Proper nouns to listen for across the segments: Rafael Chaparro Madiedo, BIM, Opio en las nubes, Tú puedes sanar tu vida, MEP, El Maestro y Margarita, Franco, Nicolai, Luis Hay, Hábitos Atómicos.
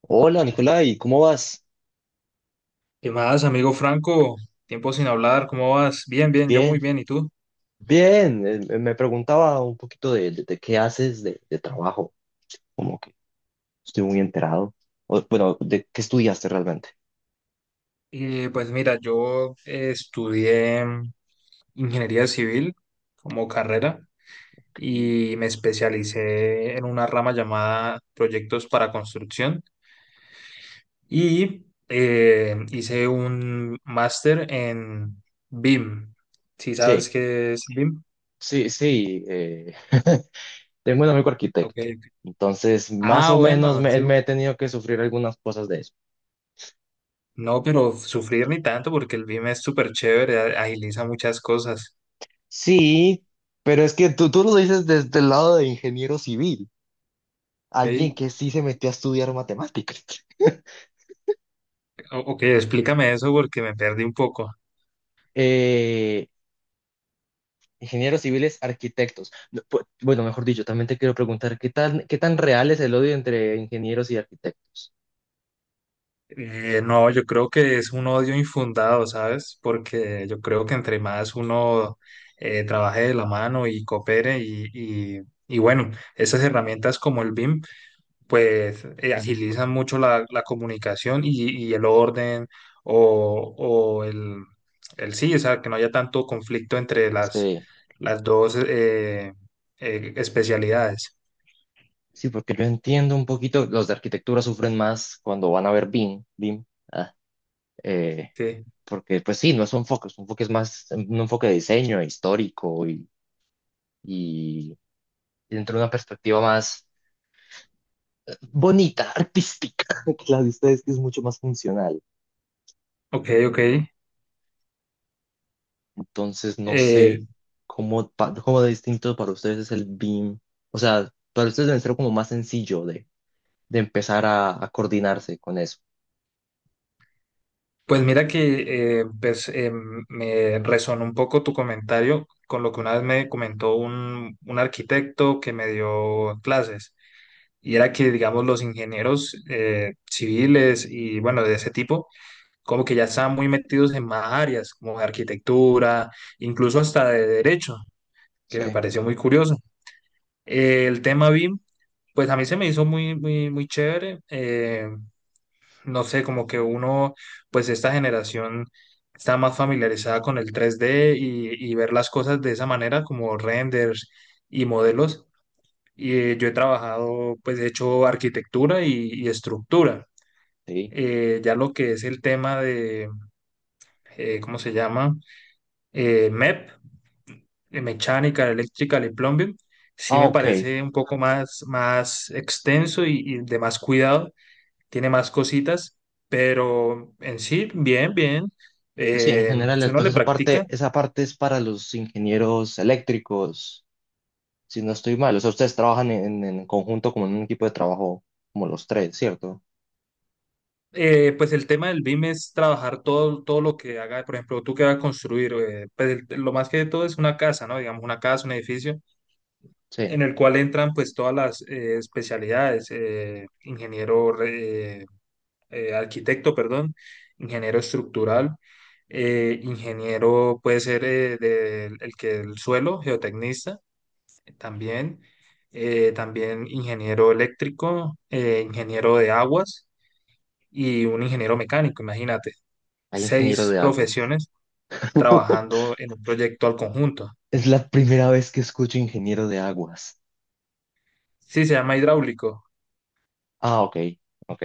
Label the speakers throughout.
Speaker 1: Hola, Nicolai, ¿cómo vas?
Speaker 2: ¿Qué más, amigo Franco? Tiempo sin hablar, ¿cómo vas? Bien, bien, yo muy
Speaker 1: Bien,
Speaker 2: bien, ¿y tú?
Speaker 1: bien. Me preguntaba un poquito de qué haces de trabajo, como que estoy muy enterado. O, bueno, ¿de qué estudiaste realmente?
Speaker 2: Pues mira, yo estudié ingeniería civil como carrera
Speaker 1: Sí,
Speaker 2: y me especialicé en una rama llamada proyectos para construcción y hice un máster en BIM. ¿Sí sabes
Speaker 1: sí,
Speaker 2: qué es BIM?
Speaker 1: sí. Sí, tengo un amigo
Speaker 2: Ok.
Speaker 1: arquitecto, entonces más
Speaker 2: Ah,
Speaker 1: o menos
Speaker 2: bueno,
Speaker 1: me, me he tenido que sufrir algunas cosas de eso.
Speaker 2: no, pero sufrir ni tanto porque el BIM es súper chévere, agiliza muchas cosas.
Speaker 1: Sí, pero es que tú lo dices desde el lado de ingeniero civil, alguien
Speaker 2: Ey,
Speaker 1: que sí se metió a estudiar matemáticas.
Speaker 2: ok, explícame eso porque me perdí un poco.
Speaker 1: Ingenieros civiles, arquitectos. No, bueno, mejor dicho, también te quiero preguntar, ¿qué tan real es el odio entre ingenieros y arquitectos?
Speaker 2: No, yo creo que es un odio infundado, ¿sabes? Porque yo creo que entre más uno trabaje de la mano y coopere y, y bueno, esas herramientas como el BIM, pues agilizan mucho la comunicación y el orden o el sí, o sea, que no haya tanto conflicto entre las,
Speaker 1: Sí,
Speaker 2: las dos especialidades.
Speaker 1: sí, porque yo entiendo un poquito, los de arquitectura sufren más cuando van a ver BIM, BIM, ah, eh,
Speaker 2: Sí.
Speaker 1: porque pues sí, no es un enfoque, es un enfoque es más, un enfoque de diseño, histórico y dentro de una perspectiva más bonita, artística, que la de ustedes, que es mucho más funcional.
Speaker 2: Ok, ok.
Speaker 1: Entonces, no sé
Speaker 2: Eh,
Speaker 1: cómo, cómo de distinto para ustedes es el BIM. O sea, para ustedes debe ser como más sencillo de empezar a coordinarse con eso.
Speaker 2: pues mira que pues, me resonó un poco tu comentario con lo que una vez me comentó un arquitecto que me dio clases. Y era que, digamos, los ingenieros civiles y, bueno, de ese tipo, como que ya estaban muy metidos en más áreas, como de arquitectura, incluso hasta de derecho, que me
Speaker 1: Sí.
Speaker 2: pareció muy curioso. El tema BIM, pues a mí se me hizo muy, muy, muy chévere. No sé, como que uno, pues esta generación está más familiarizada con el 3D y ver las cosas de esa manera, como renders y modelos. Y yo he trabajado, pues he hecho arquitectura y estructura.
Speaker 1: Sí.
Speaker 2: Ya lo que es el tema de, ¿cómo se llama? MEP, Mechanical, Electrical y Plumbing, sí
Speaker 1: Ah,
Speaker 2: me
Speaker 1: ok.
Speaker 2: parece un poco más extenso y de más cuidado tiene más cositas, pero en sí, bien, bien.
Speaker 1: Pues sí, en
Speaker 2: Si
Speaker 1: general,
Speaker 2: uno
Speaker 1: pues
Speaker 2: le
Speaker 1: esa
Speaker 2: practica,
Speaker 1: parte, esa parte es para los ingenieros eléctricos, si no estoy mal. O sea, ustedes trabajan en conjunto como en un equipo de trabajo, como los tres, ¿cierto?
Speaker 2: pues el tema del BIM es trabajar todo, todo lo que haga, por ejemplo, tú que vas a construir, pues lo más que todo es una casa, ¿no? Digamos, una casa, un edificio,
Speaker 1: Sí.
Speaker 2: en el cual entran pues todas las especialidades, ingeniero, arquitecto, perdón, ingeniero estructural, ingeniero puede ser el que el suelo, geotecnista también, también ingeniero eléctrico, ingeniero de aguas y un ingeniero mecánico, imagínate,
Speaker 1: Hay ingeniero
Speaker 2: seis
Speaker 1: de aguas.
Speaker 2: profesiones trabajando en un proyecto al conjunto.
Speaker 1: Es la primera vez que escucho ingeniero de aguas.
Speaker 2: Sí, se llama hidráulico.
Speaker 1: Ah, ok. Ok.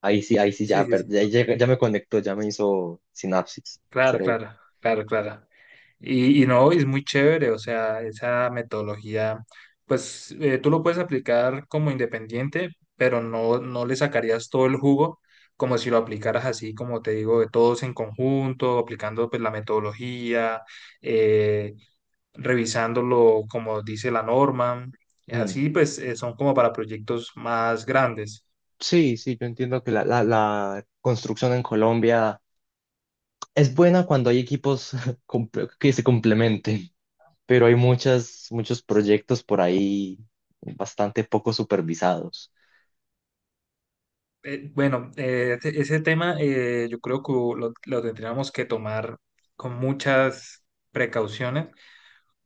Speaker 1: Ahí sí,
Speaker 2: Sí,
Speaker 1: ya,
Speaker 2: sí, sí.
Speaker 1: ya me conectó, ya me hizo sinapsis,
Speaker 2: Claro,
Speaker 1: cerebro.
Speaker 2: claro, claro, claro. Y no, es muy chévere, o sea, esa metodología, pues tú lo puedes aplicar como independiente, pero no, no le sacarías todo el jugo como si lo aplicaras así, como te digo, de todos en conjunto, aplicando pues la metodología, eh, revisándolo como dice la norma.
Speaker 1: Mm,
Speaker 2: Así pues son como para proyectos más grandes.
Speaker 1: sí, sí, yo entiendo que la construcción en Colombia es buena cuando hay equipos que se complementen, pero hay muchas, muchos proyectos por ahí bastante poco supervisados.
Speaker 2: Bueno, ese tema yo creo que lo tendríamos que tomar con muchas precauciones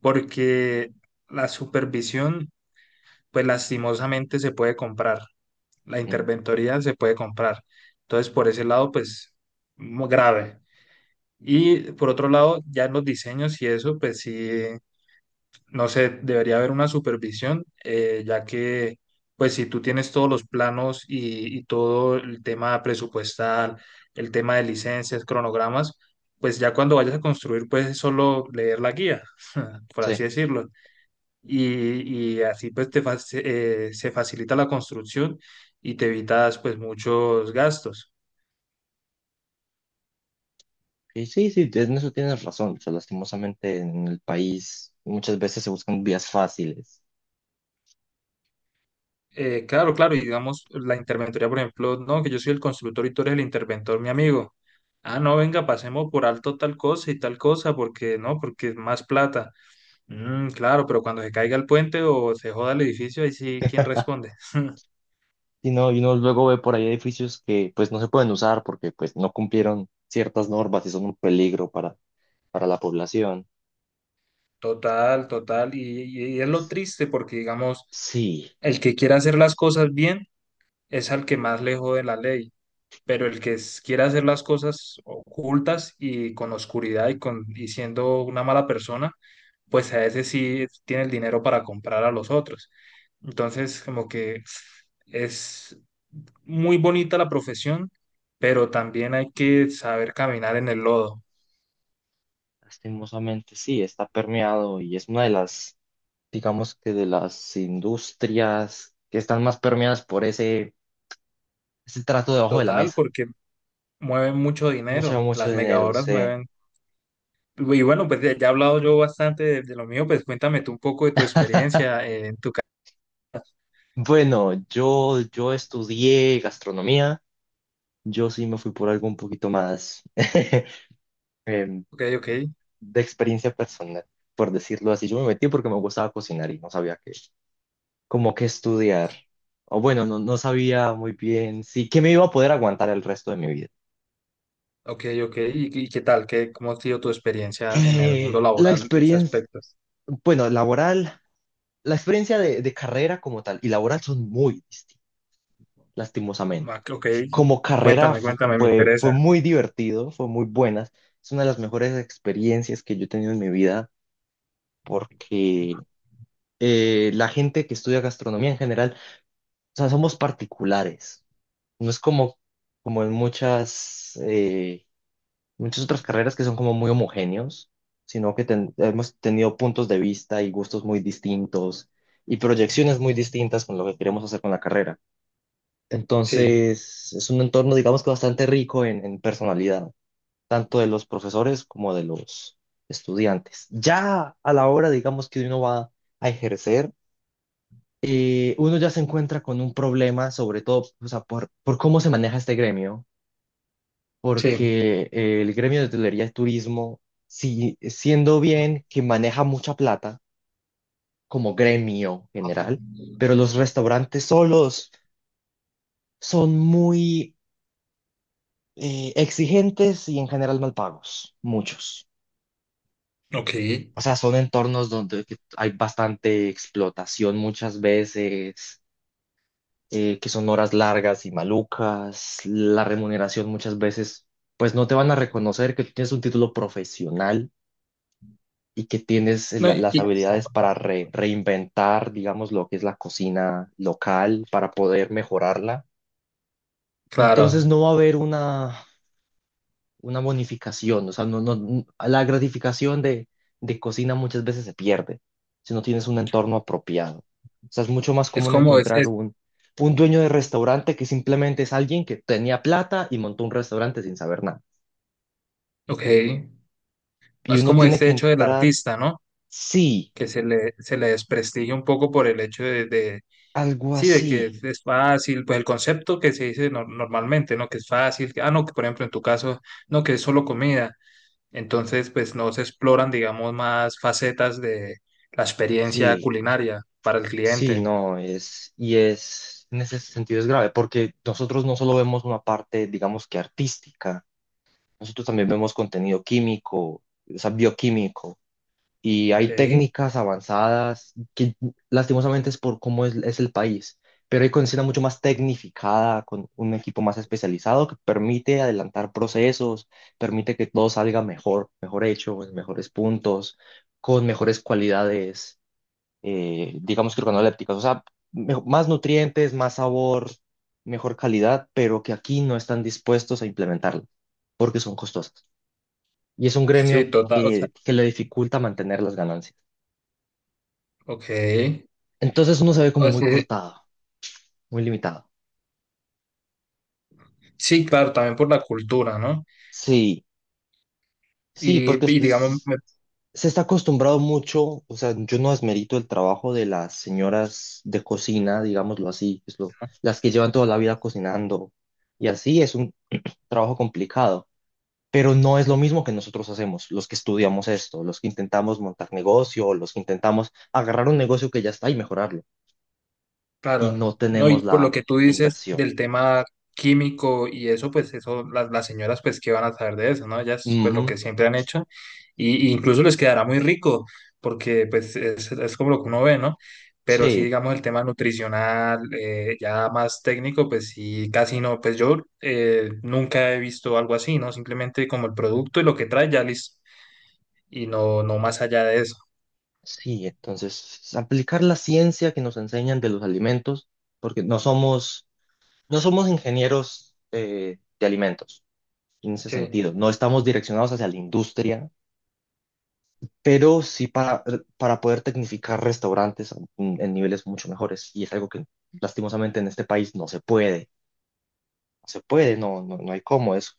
Speaker 2: porque la supervisión, pues lastimosamente se puede comprar, la
Speaker 1: Mm,
Speaker 2: interventoría se puede comprar. Entonces, por ese lado, pues muy grave. Y por otro lado, ya en los diseños y eso, pues sí, no sé, debería haber una supervisión, ya que, pues, si tú tienes todos los planos y todo el tema presupuestal, el tema de licencias, cronogramas, pues ya cuando vayas a construir, pues es solo leer la guía, por
Speaker 1: sí,
Speaker 2: así decirlo. Y así, pues, se facilita la construcción y te evitas, pues, muchos gastos.
Speaker 1: y sí, sí, en eso tienes razón. O sea, lastimosamente en el país muchas veces se buscan vías fáciles.
Speaker 2: Claro, claro, y digamos, la interventoría, por ejemplo, no, que yo soy el constructor y tú eres el interventor, mi amigo. Ah, no, venga, pasemos por alto tal cosa y tal cosa, porque no, porque es más plata. Claro, pero cuando se caiga el puente o se joda el edificio, ahí sí, ¿quién responde?
Speaker 1: Y no, y uno luego ve por ahí edificios que pues no se pueden usar porque pues no cumplieron ciertas normas y son un peligro para la población.
Speaker 2: Total, total, y es lo triste porque, digamos,
Speaker 1: Sí,
Speaker 2: el que quiere hacer las cosas bien es al que más le jode la ley. Pero el que quiera hacer las cosas ocultas y con oscuridad y siendo una mala persona, pues a ese sí tiene el dinero para comprar a los otros. Entonces, como que es muy bonita la profesión, pero también hay que saber caminar en el lodo,
Speaker 1: lastimosamente sí, está permeado y es una de las, digamos que de las industrias que están más permeadas por ese, ese trato debajo de la
Speaker 2: total,
Speaker 1: mesa.
Speaker 2: porque mueven mucho
Speaker 1: Mucho,
Speaker 2: dinero,
Speaker 1: mucho
Speaker 2: las
Speaker 1: dinero,
Speaker 2: megahoras
Speaker 1: sí.
Speaker 2: mueven. Y bueno, pues ya he hablado yo bastante de lo mío, pues cuéntame tú un poco de tu experiencia en tu carrera.
Speaker 1: Bueno, yo estudié gastronomía, yo sí me fui por algo un poquito más. em,
Speaker 2: Ok, ok.
Speaker 1: de experiencia personal, por decirlo así. Yo me metí porque me gustaba cocinar y no sabía qué, como que estudiar. O bueno, no, no sabía muy bien si que me iba a poder aguantar el resto de mi vida.
Speaker 2: Ok, ok. ¿Y qué tal? ¿Cómo ha sido tu experiencia en el mundo
Speaker 1: La
Speaker 2: laboral de ese
Speaker 1: experiencia,
Speaker 2: aspecto?
Speaker 1: bueno, laboral, la experiencia de carrera como tal y laboral son muy distintas, lastimosamente.
Speaker 2: Ok,
Speaker 1: Como carrera
Speaker 2: cuéntame,
Speaker 1: fu-
Speaker 2: cuéntame, me
Speaker 1: fue,
Speaker 2: interesa.
Speaker 1: fue muy divertido, fue muy buena. Es una de las mejores experiencias que yo he tenido en mi vida porque la gente que estudia gastronomía en general. O sea, somos particulares. No es como en muchas otras carreras que son como muy homogéneos, sino que hemos tenido puntos de vista y gustos muy distintos y proyecciones muy distintas con lo que queremos hacer con la carrera.
Speaker 2: Sí,
Speaker 1: Entonces, es un entorno, digamos que bastante rico en personalidad, tanto de los profesores como de los estudiantes. Ya a la hora, digamos, que uno va a ejercer, uno ya se encuentra con un problema, sobre todo, o sea, por cómo se maneja este gremio,
Speaker 2: sí.
Speaker 1: porque el gremio de hotelería y turismo, si, siendo bien que maneja mucha plata como gremio general, pero los restaurantes solos son muy exigentes y en general mal pagos, muchos.
Speaker 2: Ok.
Speaker 1: O sea, son entornos donde que hay bastante explotación muchas veces, que son horas largas y malucas, la remuneración muchas veces, pues no te van a reconocer que tienes un título profesional y que tienes
Speaker 2: No,
Speaker 1: las habilidades para reinventar, digamos, lo que es la cocina local, para poder mejorarla. Entonces
Speaker 2: claro,
Speaker 1: no va a haber una bonificación, o sea, no, no, la gratificación de cocina muchas veces se pierde si no tienes un entorno apropiado. O sea, es mucho más
Speaker 2: es
Speaker 1: común
Speaker 2: como
Speaker 1: encontrar
Speaker 2: es,
Speaker 1: un dueño de restaurante que simplemente es alguien que tenía plata y montó un restaurante sin saber nada.
Speaker 2: ok,
Speaker 1: Y
Speaker 2: es
Speaker 1: uno
Speaker 2: como
Speaker 1: tiene
Speaker 2: este
Speaker 1: que
Speaker 2: hecho del
Speaker 1: entrar,
Speaker 2: artista, ¿no?
Speaker 1: sí,
Speaker 2: Que se le desprestigia un poco por el hecho
Speaker 1: algo
Speaker 2: sí, de que
Speaker 1: así,
Speaker 2: es fácil, pues el concepto que se dice normalmente, ¿no? Que es fácil, que, ah, no, que por ejemplo en tu caso, no, que es solo comida. Entonces, pues no se exploran, digamos, más facetas de la experiencia
Speaker 1: sí.
Speaker 2: culinaria para el
Speaker 1: Sí,
Speaker 2: cliente.
Speaker 1: no, es, y es, en ese sentido es grave, porque nosotros no solo vemos una parte, digamos que artística, nosotros también vemos contenido químico, o sea, bioquímico, y
Speaker 2: Ok,
Speaker 1: hay técnicas avanzadas que lastimosamente es por cómo es el país, pero hay cocina mucho más tecnificada, con un equipo más especializado que permite adelantar procesos, permite que todo salga mejor, mejor hecho, en mejores puntos, con mejores cualidades, digamos que organolépticas, o sea, más nutrientes, más sabor, mejor calidad, pero que aquí no están dispuestos a implementarlo porque son costosas. Y es un
Speaker 2: sí,
Speaker 1: gremio
Speaker 2: total, o sea,
Speaker 1: que le dificulta mantener las ganancias.
Speaker 2: ok.
Speaker 1: Entonces uno se ve como
Speaker 2: O
Speaker 1: muy
Speaker 2: sea,
Speaker 1: cortado, muy limitado.
Speaker 2: sí, claro, también por la cultura, ¿no?
Speaker 1: Sí, sí,
Speaker 2: Y,
Speaker 1: porque
Speaker 2: y digamos.
Speaker 1: se está acostumbrado mucho, o sea, yo no desmerito el trabajo de las señoras de cocina, digámoslo así, es las que llevan toda la vida cocinando y así es un trabajo complicado, pero no es lo mismo que nosotros hacemos, los que estudiamos esto, los que intentamos montar negocio, los que intentamos agarrar un negocio que ya está y mejorarlo y
Speaker 2: Claro,
Speaker 1: no
Speaker 2: no, y
Speaker 1: tenemos
Speaker 2: por lo
Speaker 1: la,
Speaker 2: que tú
Speaker 1: la
Speaker 2: dices
Speaker 1: inversión.
Speaker 2: del tema químico y eso, pues eso, las señoras, pues, ¿qué van a saber de eso, no? Ellas, pues, lo
Speaker 1: Ujú,
Speaker 2: que siempre han hecho, y incluso les quedará muy rico, porque, pues, es como lo que uno ve, ¿no? Pero sí,
Speaker 1: sí.
Speaker 2: digamos, el tema nutricional, ya más técnico, pues sí, casi no, pues yo nunca he visto algo así, ¿no? Simplemente como el producto y lo que trae, ya listo, y no, no más allá de eso.
Speaker 1: Sí, entonces aplicar la ciencia que nos enseñan de los alimentos, porque no somos ingenieros de alimentos en ese
Speaker 2: sí
Speaker 1: sentido, no estamos direccionados hacia la industria, pero sí para poder tecnificar restaurantes en niveles mucho mejores, y es algo que lastimosamente en este país no se puede, no se puede, no, no, no hay cómo, es,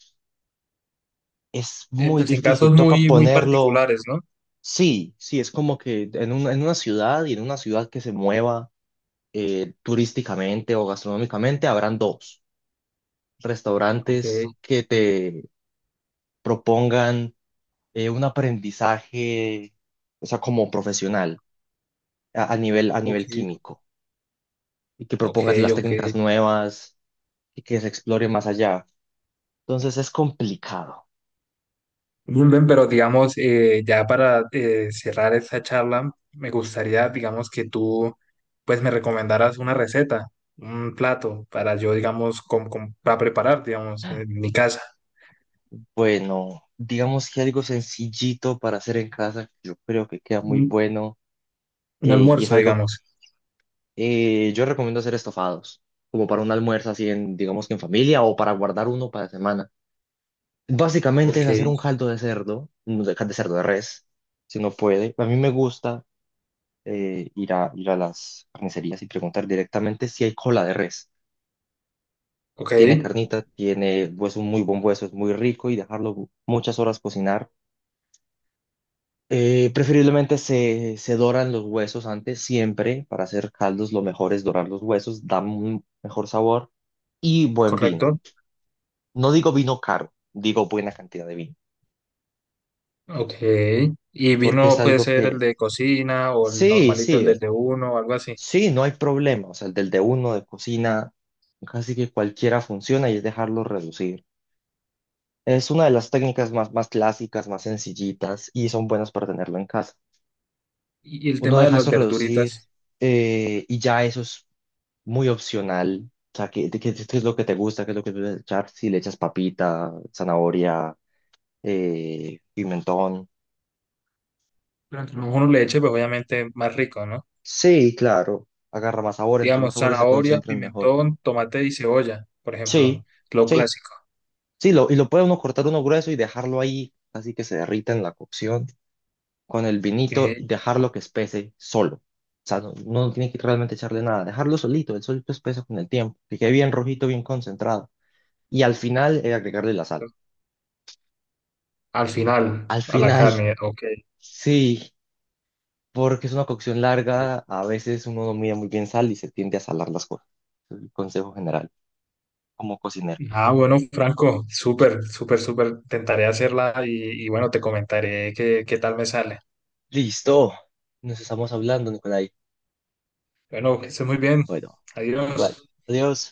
Speaker 1: es
Speaker 2: eh,
Speaker 1: muy
Speaker 2: pues en
Speaker 1: difícil,
Speaker 2: casos
Speaker 1: toca
Speaker 2: muy, muy
Speaker 1: ponerlo,
Speaker 2: particulares, ¿no?
Speaker 1: sí, sí, es como que en en una ciudad y en una ciudad que se mueva turísticamente o gastronómicamente, habrán dos
Speaker 2: Ok,
Speaker 1: restaurantes que te propongan un aprendizaje, o sea, como profesional a nivel
Speaker 2: ok.
Speaker 1: químico y que
Speaker 2: Ok,
Speaker 1: propongas las
Speaker 2: ok.
Speaker 1: técnicas nuevas y que se explore más allá. Entonces es complicado.
Speaker 2: Bien, bien, pero digamos, ya para cerrar esta charla, me gustaría, digamos, que tú, pues, me recomendaras una receta, un plato para yo, digamos, para preparar, digamos, en mi casa,
Speaker 1: Bueno, digamos que algo sencillito para hacer en casa, yo creo que queda muy
Speaker 2: un,
Speaker 1: bueno
Speaker 2: un
Speaker 1: y es
Speaker 2: almuerzo,
Speaker 1: algo
Speaker 2: digamos.
Speaker 1: Yo recomiendo hacer estofados, como para un almuerzo así digamos que en familia o para guardar uno para semana. Básicamente
Speaker 2: Ok,
Speaker 1: es hacer un caldo de cerdo, no de cerdo de res, si no puede. A mí me gusta ir a las carnicerías y preguntar directamente si hay cola de res.
Speaker 2: ok,
Speaker 1: Tiene carnita, tiene hueso, un muy buen hueso, es muy rico y dejarlo muchas horas cocinar. Preferiblemente se doran los huesos antes, siempre, para hacer caldos lo mejor es dorar los huesos, da un mejor sabor y buen vino.
Speaker 2: correcto.
Speaker 1: No digo vino caro, digo buena cantidad de vino,
Speaker 2: Ok. Y
Speaker 1: porque es
Speaker 2: vino puede
Speaker 1: algo
Speaker 2: ser el
Speaker 1: que,
Speaker 2: de cocina o el
Speaker 1: sí,
Speaker 2: normalito, el
Speaker 1: sí,
Speaker 2: del de uno o algo así.
Speaker 1: sí, no hay problema, o sea, el del de uno de cocina, casi que cualquiera funciona y es dejarlo reducir. Es una de las técnicas más clásicas, más sencillitas y son buenas para tenerlo en casa.
Speaker 2: Y el
Speaker 1: Uno
Speaker 2: tema de
Speaker 1: deja
Speaker 2: las
Speaker 1: eso reducir
Speaker 2: verduritas,
Speaker 1: y ya eso es muy opcional. O sea, qué es lo que te gusta? ¿Qué es lo que te gusta echar? Si le echas papita, zanahoria, pimentón.
Speaker 2: pero entre más uno le eche, pues obviamente más rico, ¿no?
Speaker 1: Sí, claro. Agarra más sabor, entre más
Speaker 2: Digamos,
Speaker 1: sabores se
Speaker 2: zanahoria,
Speaker 1: concentran mejor.
Speaker 2: pimentón, tomate y cebolla, por ejemplo,
Speaker 1: Sí,
Speaker 2: lo
Speaker 1: sí.
Speaker 2: clásico.
Speaker 1: Sí, lo, y lo puede uno cortar uno grueso y dejarlo ahí, así que se derrita en la cocción, con el vinito y
Speaker 2: Ok,
Speaker 1: dejarlo que espese solo. O sea, no, no tiene que realmente echarle nada, dejarlo solito, el solito espesa con el tiempo, que quede bien rojito, bien concentrado. Y al final, agregarle la sal.
Speaker 2: al final,
Speaker 1: Al
Speaker 2: a la
Speaker 1: final,
Speaker 2: carne, ok.
Speaker 1: sí, porque es una cocción larga, a veces uno no mide muy bien sal y se tiende a salar las cosas. Es el consejo general, como cocinero.
Speaker 2: Ah, bueno, Franco, súper, súper, súper. Intentaré hacerla y bueno, te comentaré qué tal me sale.
Speaker 1: Listo, nos estamos hablando, Nicolai.
Speaker 2: Bueno, que estés muy bien.
Speaker 1: Bueno, igual,
Speaker 2: Adiós.
Speaker 1: adiós.